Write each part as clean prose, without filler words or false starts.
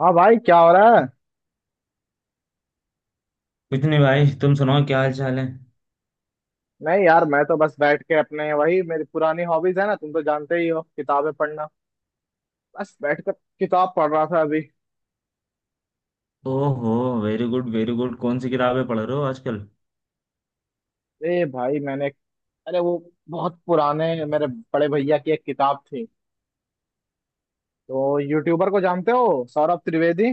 हाँ भाई क्या हो रहा है? कुछ नहीं भाई, तुम सुनाओ क्या हाल चाल है। नहीं यार, मैं तो बस बैठ के अपने, वही मेरी पुरानी हॉबीज है ना, तुम तो जानते ही हो, किताबें पढ़ना। बस बैठ कर किताब पढ़ रहा था अभी। ओहो। वेरी गुड वेरी गुड, कौन सी किताबें पढ़ रहे हो आजकल। ए भाई मैंने, अरे वो, बहुत पुराने मेरे बड़े भैया की एक किताब थी। तो यूट्यूबर को जानते हो, सौरभ त्रिवेदी,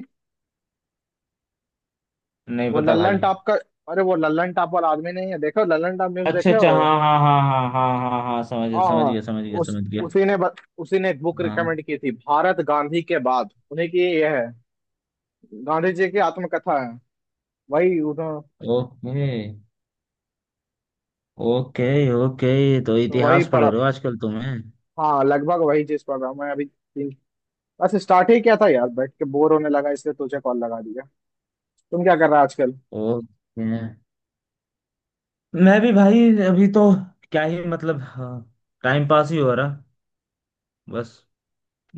नहीं वो पता भाई। लल्लन टॉप का। अरे वो लल्लन टॉप वाला आदमी नहीं है, देखो लल्लन टॉप न्यूज अच्छा देखे हो? अच्छा, हाँ हाँ हाँ हाँ हाँ हाँ हाँ, समझ गया हाँ समझ हाँ। गया समझ गया उस समझ गया। उसी ने ब- उसी ने एक बुक हाँ। रिकमेंड की थी, भारत गांधी के बाद, उन्हीं की ये है, गांधी जी की आत्मकथा है, वही। ओके ओके ओके, तो तो वही इतिहास पढ़ रहे पढ़ा। हो आजकल तुम्हें। हाँ लगभग वही चीज पढ़ रहा हूँ मैं अभी, तीन। बस स्टार्ट ही किया था यार, बैठ के बोर होने लगा इसलिए तुझे कॉल लगा दिया। तुम क्या कर रहे हो आजकल? ओके। मैं भी भाई, अभी तो क्या ही मतलब, टाइम पास ही हो रहा बस।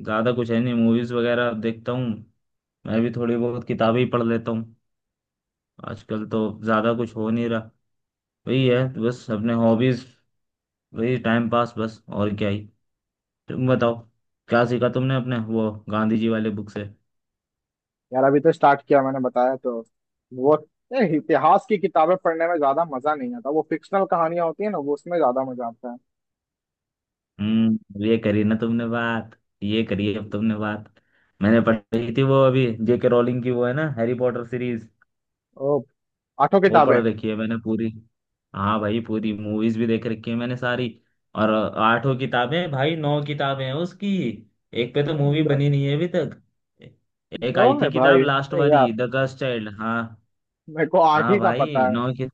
ज्यादा कुछ है नहीं, मूवीज वगैरह देखता हूँ। मैं भी थोड़ी बहुत किताबें ही पढ़ लेता हूँ। आजकल तो ज्यादा कुछ हो नहीं रहा। वही है तो, बस अपने हॉबीज, वही टाइम पास बस, और क्या ही। तो तुम बताओ, क्या सीखा तुमने अपने वो गांधी जी वाले बुक से। यार अभी तो स्टार्ट किया, मैंने बताया तो। वो इतिहास की किताबें पढ़ने में ज्यादा मजा नहीं आता, वो फिक्शनल कहानियां होती है ना, वो उसमें ज्यादा मजा आता है। हम्म, ये करी ना तुमने बात। ये करी अब तुमने बात। मैंने पढ़ी थी वो अभी, जेके रोलिंग की वो है ना, हैरी पॉटर सीरीज। ओ। आठों वो पढ़ किताबें। रखी है मैंने पूरी। हाँ भाई, पूरी मूवीज भी देख रखी है मैंने सारी। और आठों किताबें, भाई 9 किताबें हैं उसकी। एक पे तो मूवी न- बनी नहीं है अभी तक। एक नो आई है थी किताब, भाई, लास्ट नहीं वाली, यार, द गर्ल्स चाइल्ड। हाँ, मेरे को आठ हाँ ही का पता भाई, है।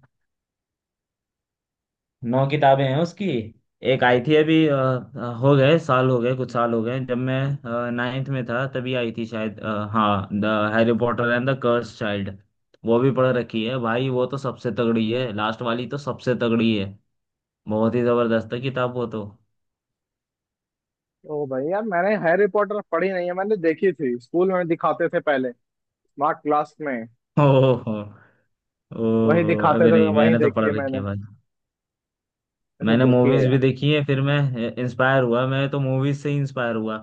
9 किताबें हैं उसकी। एक आई थी अभी, हो गए साल, हो गए कुछ साल, हो गए जब मैं 9th में था तभी आई थी शायद हाँ, the Harry Potter and the curse child. वो भी पढ़ रखी है भाई, वो तो सबसे तगड़ी है, लास्ट वाली तो सबसे तगड़ी है। बहुत ही जबरदस्त है किताब वो तो। ओ भाई यार, मैंने हैरी पॉटर पढ़ी नहीं है, मैंने देखी थी, स्कूल में दिखाते थे पहले, स्मार्ट क्लास में। ओहो, वही ओहो दिखाते अबे थे नहीं, तो वही मैंने तो देखी है पढ़ रखी है मैंने। भाई। तो मैंने देखिए मूवीज भी यार। देखी है, फिर मैं इंस्पायर हुआ, मैं तो मूवीज से ही इंस्पायर हुआ।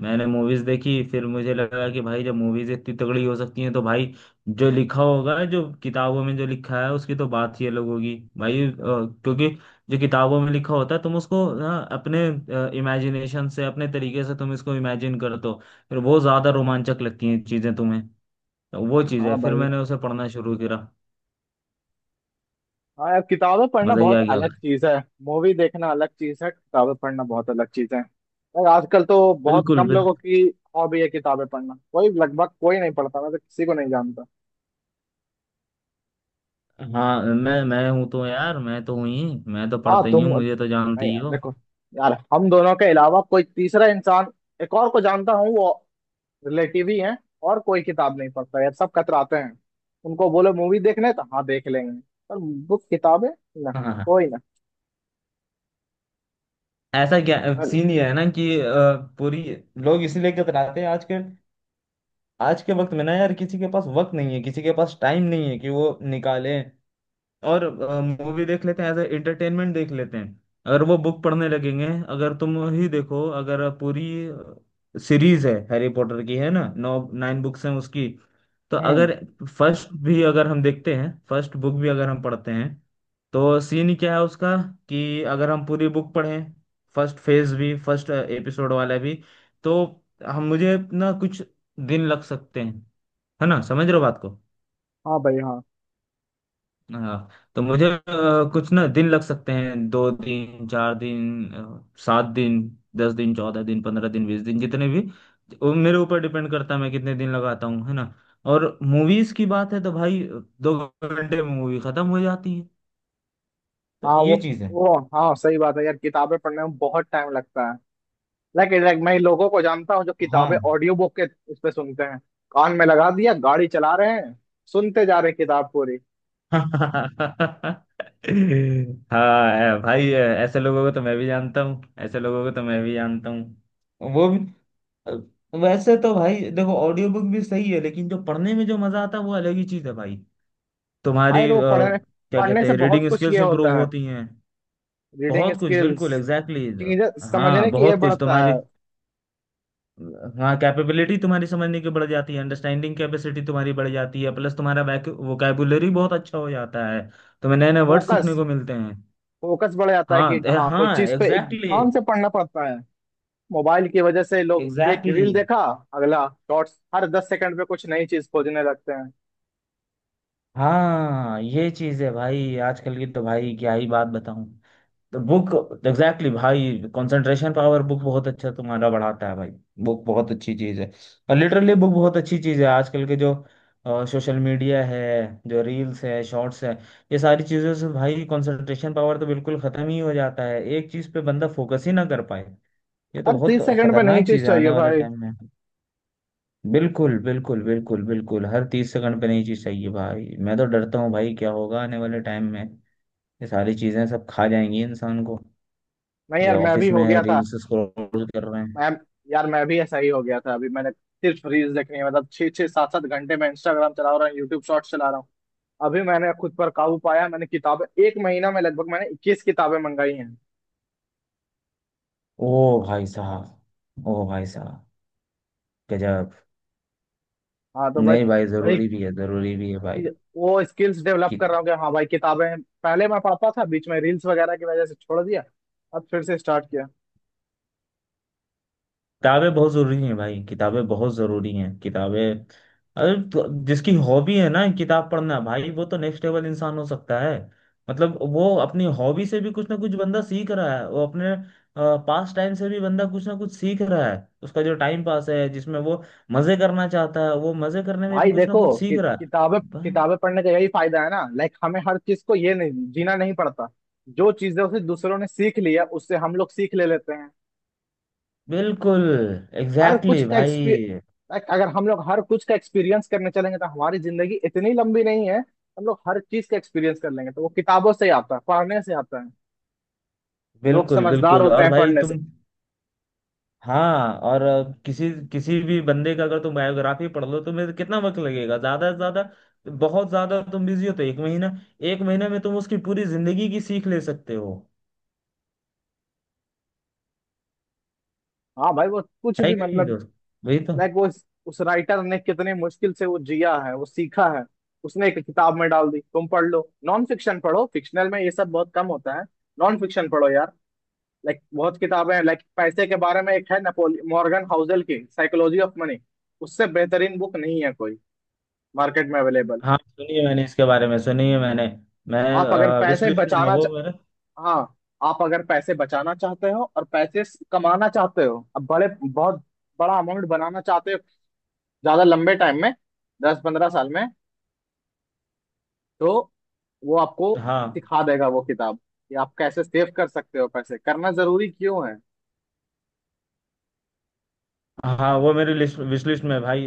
मैंने मूवीज देखी, फिर मुझे लगा कि भाई जब मूवीज इतनी तगड़ी हो सकती हैं तो भाई जो लिखा होगा, जो किताबों में जो लिखा है, उसकी तो बात ही अलग होगी भाई क्योंकि जो किताबों में लिखा होता है तुम उसको ना अपने इमेजिनेशन से, अपने तरीके से तुम इसको इमेजिन करते हो, फिर बहुत ज्यादा रोमांचक लगती हैं चीजें तुम्हें। तो वो चीज हाँ है, फिर भाई मैंने उसे पढ़ना शुरू करा, हाँ। यार किताबें पढ़ना मजा ही बहुत आ गया। अलग चीज है, मूवी देखना अलग चीज है, किताबें पढ़ना बहुत अलग चीज है। और आजकल तो बहुत बिल्कुल। कम लोगों की हॉबी है किताबें पढ़ना, कोई, लगभग कोई नहीं पढ़ता, मैं तो किसी को नहीं जानता। हाँ मैं हूँ तो यार, मैं तो हूँ ही। मैं तो हाँ पढ़ता ही तुम हूँ, मुझे तो नहीं। जानती ही यार हो। देखो, यार हम दोनों के अलावा कोई तीसरा इंसान, एक और को जानता हूँ, वो रिलेटिव ही है। और कोई किताब नहीं पढ़ता यार, सब कतराते हैं। उनको बोलो मूवी देखने तो हाँ देख लेंगे, पर बुक, किताबें, ना, हाँ। कोई ना। ऐसा क्या, सीन ये है ना कि पूरी, लोग इसीलिए कतराते हैं। आज के, आज के वक्त में ना यार, किसी के पास वक्त नहीं है, किसी के पास टाइम नहीं है कि वो निकाले। और मूवी देख लेते हैं एज ए एंटरटेनमेंट, देख लेते हैं। अगर वो बुक पढ़ने लगेंगे, अगर तुम ही देखो, अगर पूरी सीरीज है हैरी पॉटर की, है ना, 9, 9 बुक्स हैं उसकी, तो हम्म। अगर फर्स्ट भी अगर हम देखते हैं, फर्स्ट बुक भी अगर हम पढ़ते हैं, तो सीन क्या है उसका, कि अगर हम पूरी बुक पढ़ें, फर्स्ट फेज भी, फर्स्ट एपिसोड वाला भी, तो हम, मुझे ना कुछ दिन लग सकते हैं। है ना, समझ रहे हो बात को। हाँ भाई हाँ। हाँ, तो मुझे कुछ ना दिन लग सकते हैं, 2 दिन, 4 दिन, 7 दिन, 10 दिन, 14 दिन, 15 दिन, 20 दिन, जितने भी, वो मेरे ऊपर डिपेंड करता है मैं कितने दिन लगाता हूँ, है ना। और मूवीज की बात है तो भाई 2 घंटे में मूवी खत्म हो जाती है। तो हाँ, वो ये चीज है। वो हाँ सही बात है यार, किताबें पढ़ने में बहुत टाइम लगता है। लाइक लाइक मैं लोगों को जानता हूँ जो किताबें हाँ। ऑडियो बुक के उस पे सुनते हैं। कान में लगा दिया, गाड़ी चला रहे हैं, सुनते जा रहे हैं किताब पूरी। हाँ भाई, ऐसे लोगों को तो मैं भी जानता हूँ, ऐसे लोगों को तो मैं भी जानता हूँ, वो भी। वैसे तो भाई देखो, ऑडियो बुक भी सही है, लेकिन जो पढ़ने में जो मजा आता है वो अलग ही चीज है भाई। हाँ तुम्हारी यार, वो पढ़ने क्या पढ़ने कहते से हैं, बहुत रीडिंग कुछ ये स्किल्स इंप्रूव होता है, होती हैं। रीडिंग बहुत कुछ, स्किल्स, बिल्कुल एग्जैक्टली चीजें exactly, समझने हाँ की ये बहुत कुछ बढ़ता तुम्हारी, है। हाँ कैपेबिलिटी तुम्हारी समझने की बढ़ जाती है, अंडरस्टैंडिंग कैपेसिटी तुम्हारी बढ़ जाती है, प्लस तुम्हारा वोकैबुलरी बहुत अच्छा हो जाता है, तुम्हें नए नए वर्ड फोकस सीखने को मिलते हैं। फोकस बढ़ जाता है कि हाँ, कोई हाँ चीज पे एक ध्यान से पढ़ना पड़ता है। मोबाइल की वजह से लोग एक एग्जैक्टली exactly, रील देखा, अगला शॉर्ट्स, हर 10 सेकंड पे कुछ नई चीज खोजने लगते हैं। हाँ ये चीज है भाई आजकल की, तो भाई क्या ही बात बताऊं। तो बुक एग्जैक्टली भाई, कंसंट्रेशन पावर बुक बहुत अच्छा तुम्हारा बढ़ाता है भाई। बुक बहुत अच्छी चीज़ है, और लिटरली बुक बहुत अच्छी चीज़ है। आजकल के जो सोशल मीडिया है, जो रील्स है, शॉर्ट्स है, ये सारी चीज़ों से भाई कंसंट्रेशन पावर तो बिल्कुल ख़त्म ही हो जाता है, एक चीज़ पे बंदा फोकस ही ना कर पाए। ये तो अरे बहुत 30 सेकंड पे नई खतरनाक चीज चीज़ है चाहिए आने वाले भाई। टाइम में। बिल्कुल बिल्कुल बिल्कुल बिल्कुल, हर 30 सेकंड पे नई चीज़ चाहिए भाई। मैं तो डरता हूँ भाई, क्या होगा आने वाले टाइम में, ये सारी चीज़ें सब खा जाएंगी इंसान को। नहीं ये यार मैं भी ऑफिस में हो गया था। रील्स स्क्रॉल कर रहे हैं। मैं यार, मैं भी ऐसा ही हो गया था, अभी मैंने, सिर्फ रील्स देखनी है, मतलब छह छह सात सात घंटे मैं इंस्टाग्राम चला रहा हूँ, यूट्यूब शॉर्ट्स चला रहा हूँ। अभी मैंने खुद पर काबू पाया, मैंने किताबें एक महीना में, लगभग मैंने 21 किताबें मंगाई हैं। ओ भाई साहब, ओ भाई साहब, गजब। हाँ तो बस, नहीं भाई, वही। जरूरी भी है, जरूरी भी है भाई। वो स्किल्स डेवलप कर रहा हूँ कि हाँ भाई, किताबें, पहले मैं पढ़ता था, बीच में रील्स वगैरह की वजह से छोड़ दिया। अब फिर से स्टार्ट किया। किताबें बहुत जरूरी हैं भाई, किताबें बहुत जरूरी हैं, किताबें। अरे तो जिसकी हॉबी है ना किताब पढ़ना, भाई वो तो नेक्स्ट लेवल इंसान हो सकता है। मतलब वो अपनी हॉबी से भी कुछ ना कुछ बंदा सीख रहा है, वो अपने पास टाइम से भी बंदा कुछ ना कुछ सीख रहा है। उसका जो टाइम पास है, जिसमें वो मजे करना चाहता है, वो मजे करने में भी भाई कुछ ना देखो, कुछ सीख रहा किताबें है। किताबें पढ़ने का यही फायदा है ना, लाइक हमें हर चीज को ये, नहीं जीना नहीं पड़ता। जो चीजें उसे दूसरों ने सीख लिया उससे हम लोग सीख ले लेते हैं। बिल्कुल हर एग्जैक्टली exactly कुछ का भाई। एक्सपीरियंस, अगर हम लोग हर कुछ का एक्सपीरियंस करने चलेंगे तो हमारी जिंदगी इतनी लंबी नहीं है, हम लोग हर चीज का एक्सपीरियंस कर लेंगे, तो वो किताबों से ही आता है, पढ़ने से आता है। लोग बिल्कुल समझदार बिल्कुल, होते और हैं भाई पढ़ने से। तुम, हाँ और किसी, किसी भी बंदे का अगर तुम बायोग्राफी पढ़ लो, तुम्हें कितना वक्त लगेगा ज्यादा से ज्यादा, बहुत ज्यादा तुम बिजी हो तो एक महीना। एक महीना में तुम उसकी पूरी जिंदगी की सीख ले सकते हो। हाँ भाई, वो कुछ है भी कि नहीं मतलब, दोस्त, वही तो। लाइक वो उस राइटर ने कितने मुश्किल से वो जिया है, वो सीखा है, उसने एक किताब में डाल दी, तुम पढ़ लो। नॉन फिक्शन पढ़ो, फिक्शनल में ये सब बहुत कम होता है, नॉन फिक्शन पढ़ो यार। लाइक बहुत किताबें हैं, लाइक पैसे के बारे में एक है, नेपोलियन मॉर्गन हाउसेल की साइकोलॉजी ऑफ मनी। उससे बेहतरीन बुक नहीं है कोई, मार्केट में अवेलेबल। हाँ सुनिए, मैंने इसके बारे में सुनिए, मैंने, मैं आप अगर विश पैसे लिस्ट में है बचाना वो चा... मेरा। हाँ आप अगर पैसे बचाना चाहते हो और पैसे कमाना चाहते हो, अब बड़े बहुत बड़ा अमाउंट बनाना चाहते हो, ज्यादा लंबे टाइम में, 10-15 साल में, तो वो आपको हाँ। सिखा देगा वो किताब कि आप कैसे सेव कर सकते हो पैसे, करना जरूरी क्यों है। हाँ, वो मेरे लिस्ट, विश लिस्ट में है भाई।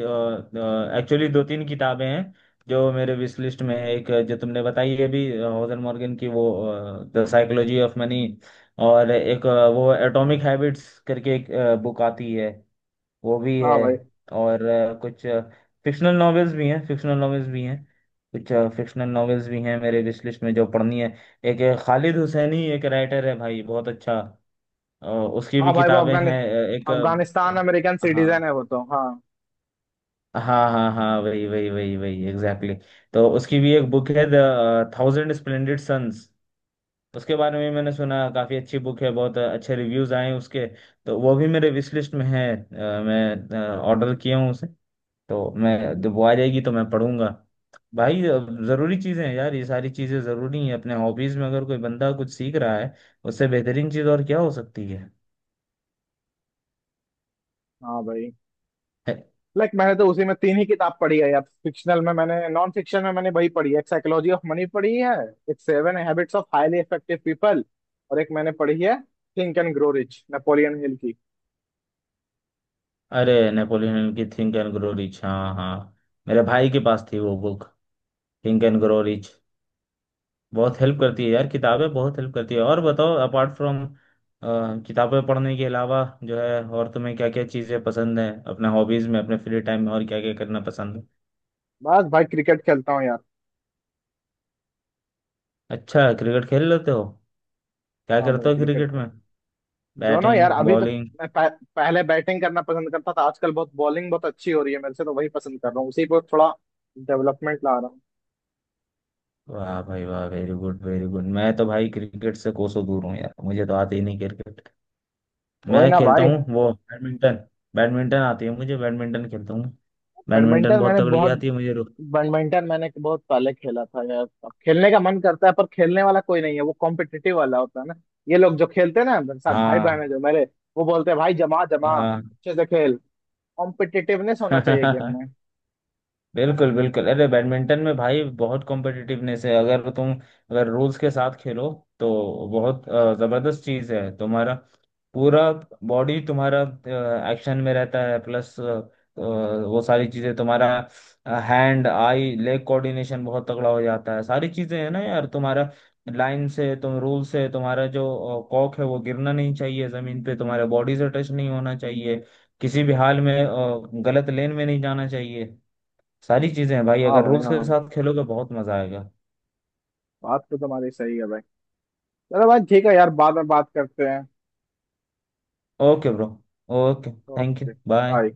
एक्चुअली 2-3 किताबें हैं जो मेरे विश लिस्ट में है। एक जो तुमने बताई है भी, होजर मॉर्गन की वो, द साइकोलॉजी ऑफ मनी। और एक वो एटॉमिक हैबिट्स करके एक बुक आती है, वो भी है। हाँ भाई। और कुछ फिक्शनल नॉवेल्स भी हैं, फिक्शनल नॉवेल्स भी हैं, कुछ फिक्शनल नॉवेल्स भी हैं मेरे विश लिस्ट में जो पढ़नी है। एक खालिद हुसैनी एक राइटर है भाई, बहुत अच्छा। उसकी भी हाँ भाई, वो किताबें हैं। एक अफगानिस्तान अमेरिकन हाँ सिटीजन है वो तो हाँ। हाँ हाँ हाँ वही वही वही वही एग्जैक्टली exactly. तो उसकी भी एक बुक है, द थाउजेंड स्प्लेंडेड सन्स। उसके बारे में मैंने सुना, काफी अच्छी बुक है, बहुत अच्छे रिव्यूज आए हैं उसके। तो वो भी मेरे विश लिस्ट में है, मैं ऑर्डर किया हूँ उसे। तो मैं जब वो आ जाएगी तो मैं पढ़ूंगा। भाई जरूरी चीजें हैं यार, ये सारी चीजें जरूरी हैं। अपने हॉबीज में अगर कोई बंदा कुछ सीख रहा है, उससे बेहतरीन चीज और क्या हो सकती है। हाँ भाई, है- लाइक मैंने तो उसी में, तीन ही किताब पढ़ी है यार, फिक्शनल में, मैंने नॉन फिक्शन में मैंने वही पढ़ी है, एक साइकोलॉजी ऑफ मनी पढ़ी है, एक seven habits of highly effective people, और एक मैंने पढ़ी है, think and grow rich Napoleon Hill की। अरे नेपोलियन की थिंक एंड ग्रो रिच, हाँ हाँ। मेरे भाई के पास थी वो book, think and grow rich. बहुत हेल्प करती है यार किताबें, बहुत हेल्प करती है। और बताओ, अपार्ट फ्रॉम किताबें पढ़ने के अलावा जो है, और तुम्हें क्या क्या चीज़ें पसंद है, अपने हॉबीज में, अपने फ्री टाइम में और क्या क्या करना पसंद है। बस भाई क्रिकेट खेलता हूँ यार। अच्छा, क्रिकेट खेल लेते हो। क्या हाँ भाई करते हो क्रिकेट, क्रिकेट में, दोनों यार। बैटिंग अभी तो बॉलिंग। मैं पहले बैटिंग करना पसंद करता था, आजकल बहुत बॉलिंग बहुत अच्छी हो रही है मेरे से, तो वही पसंद कर रहा हूँ, उसी पर थोड़ा डेवलपमेंट ला रहा हूँ। वाह भाई वाह, वेरी गुड वेरी गुड, मैं तो भाई क्रिकेट से कोसों दूर हूँ यार, मुझे तो आती ही नहीं क्रिकेट। वही मैं ना खेलता भाई। हूँ वो बैडमिंटन। बैडमिंटन आती है मुझे, बैडमिंटन खेलता हूँ। बैडमिंटन बैडमिंटन बहुत मैंने तगड़ी बहुत आती है मुझे बैडमिंटन मैंने बहुत पहले खेला था यार, अब खेलने का मन करता है पर खेलने वाला कोई नहीं है, वो कॉम्पिटिटिव वाला होता है ना। ये लोग जो खेलते हैं ना मेरे साथ, भाई हाँ। बहन है जो मेरे, वो बोलते हैं भाई जमा जमा हाँ। अच्छे से खेल। कॉम्पिटिटिवनेस होना चाहिए है। गेम में। बिल्कुल बिल्कुल, अरे बैडमिंटन में भाई बहुत कॉम्पिटिटिवनेस है, अगर तुम, अगर रूल्स के साथ खेलो तो बहुत जबरदस्त चीज है। तुम्हारा पूरा बॉडी तुम्हारा एक्शन में रहता है, प्लस वो सारी चीजें तुम्हारा, हैंड आई लेग कोऑर्डिनेशन बहुत तगड़ा हो जाता है। सारी चीजें है ना यार, तुम्हारा लाइन से, तुम रूल से, तुम्हारा जो कॉक है वो गिरना नहीं चाहिए जमीन पे, तुम्हारे बॉडी से टच नहीं होना चाहिए किसी भी हाल में, गलत लेन में नहीं जाना चाहिए, सारी चीजें हैं भाई, हाँ अगर भाई रूल्स के हाँ। साथ खेलोगे बहुत मजा आएगा। बात तो तुम्हारी सही है भाई। चलो भाई ठीक है यार, बाद में बात करते हैं। Okay bro, okay, thank you okay bye. Bye.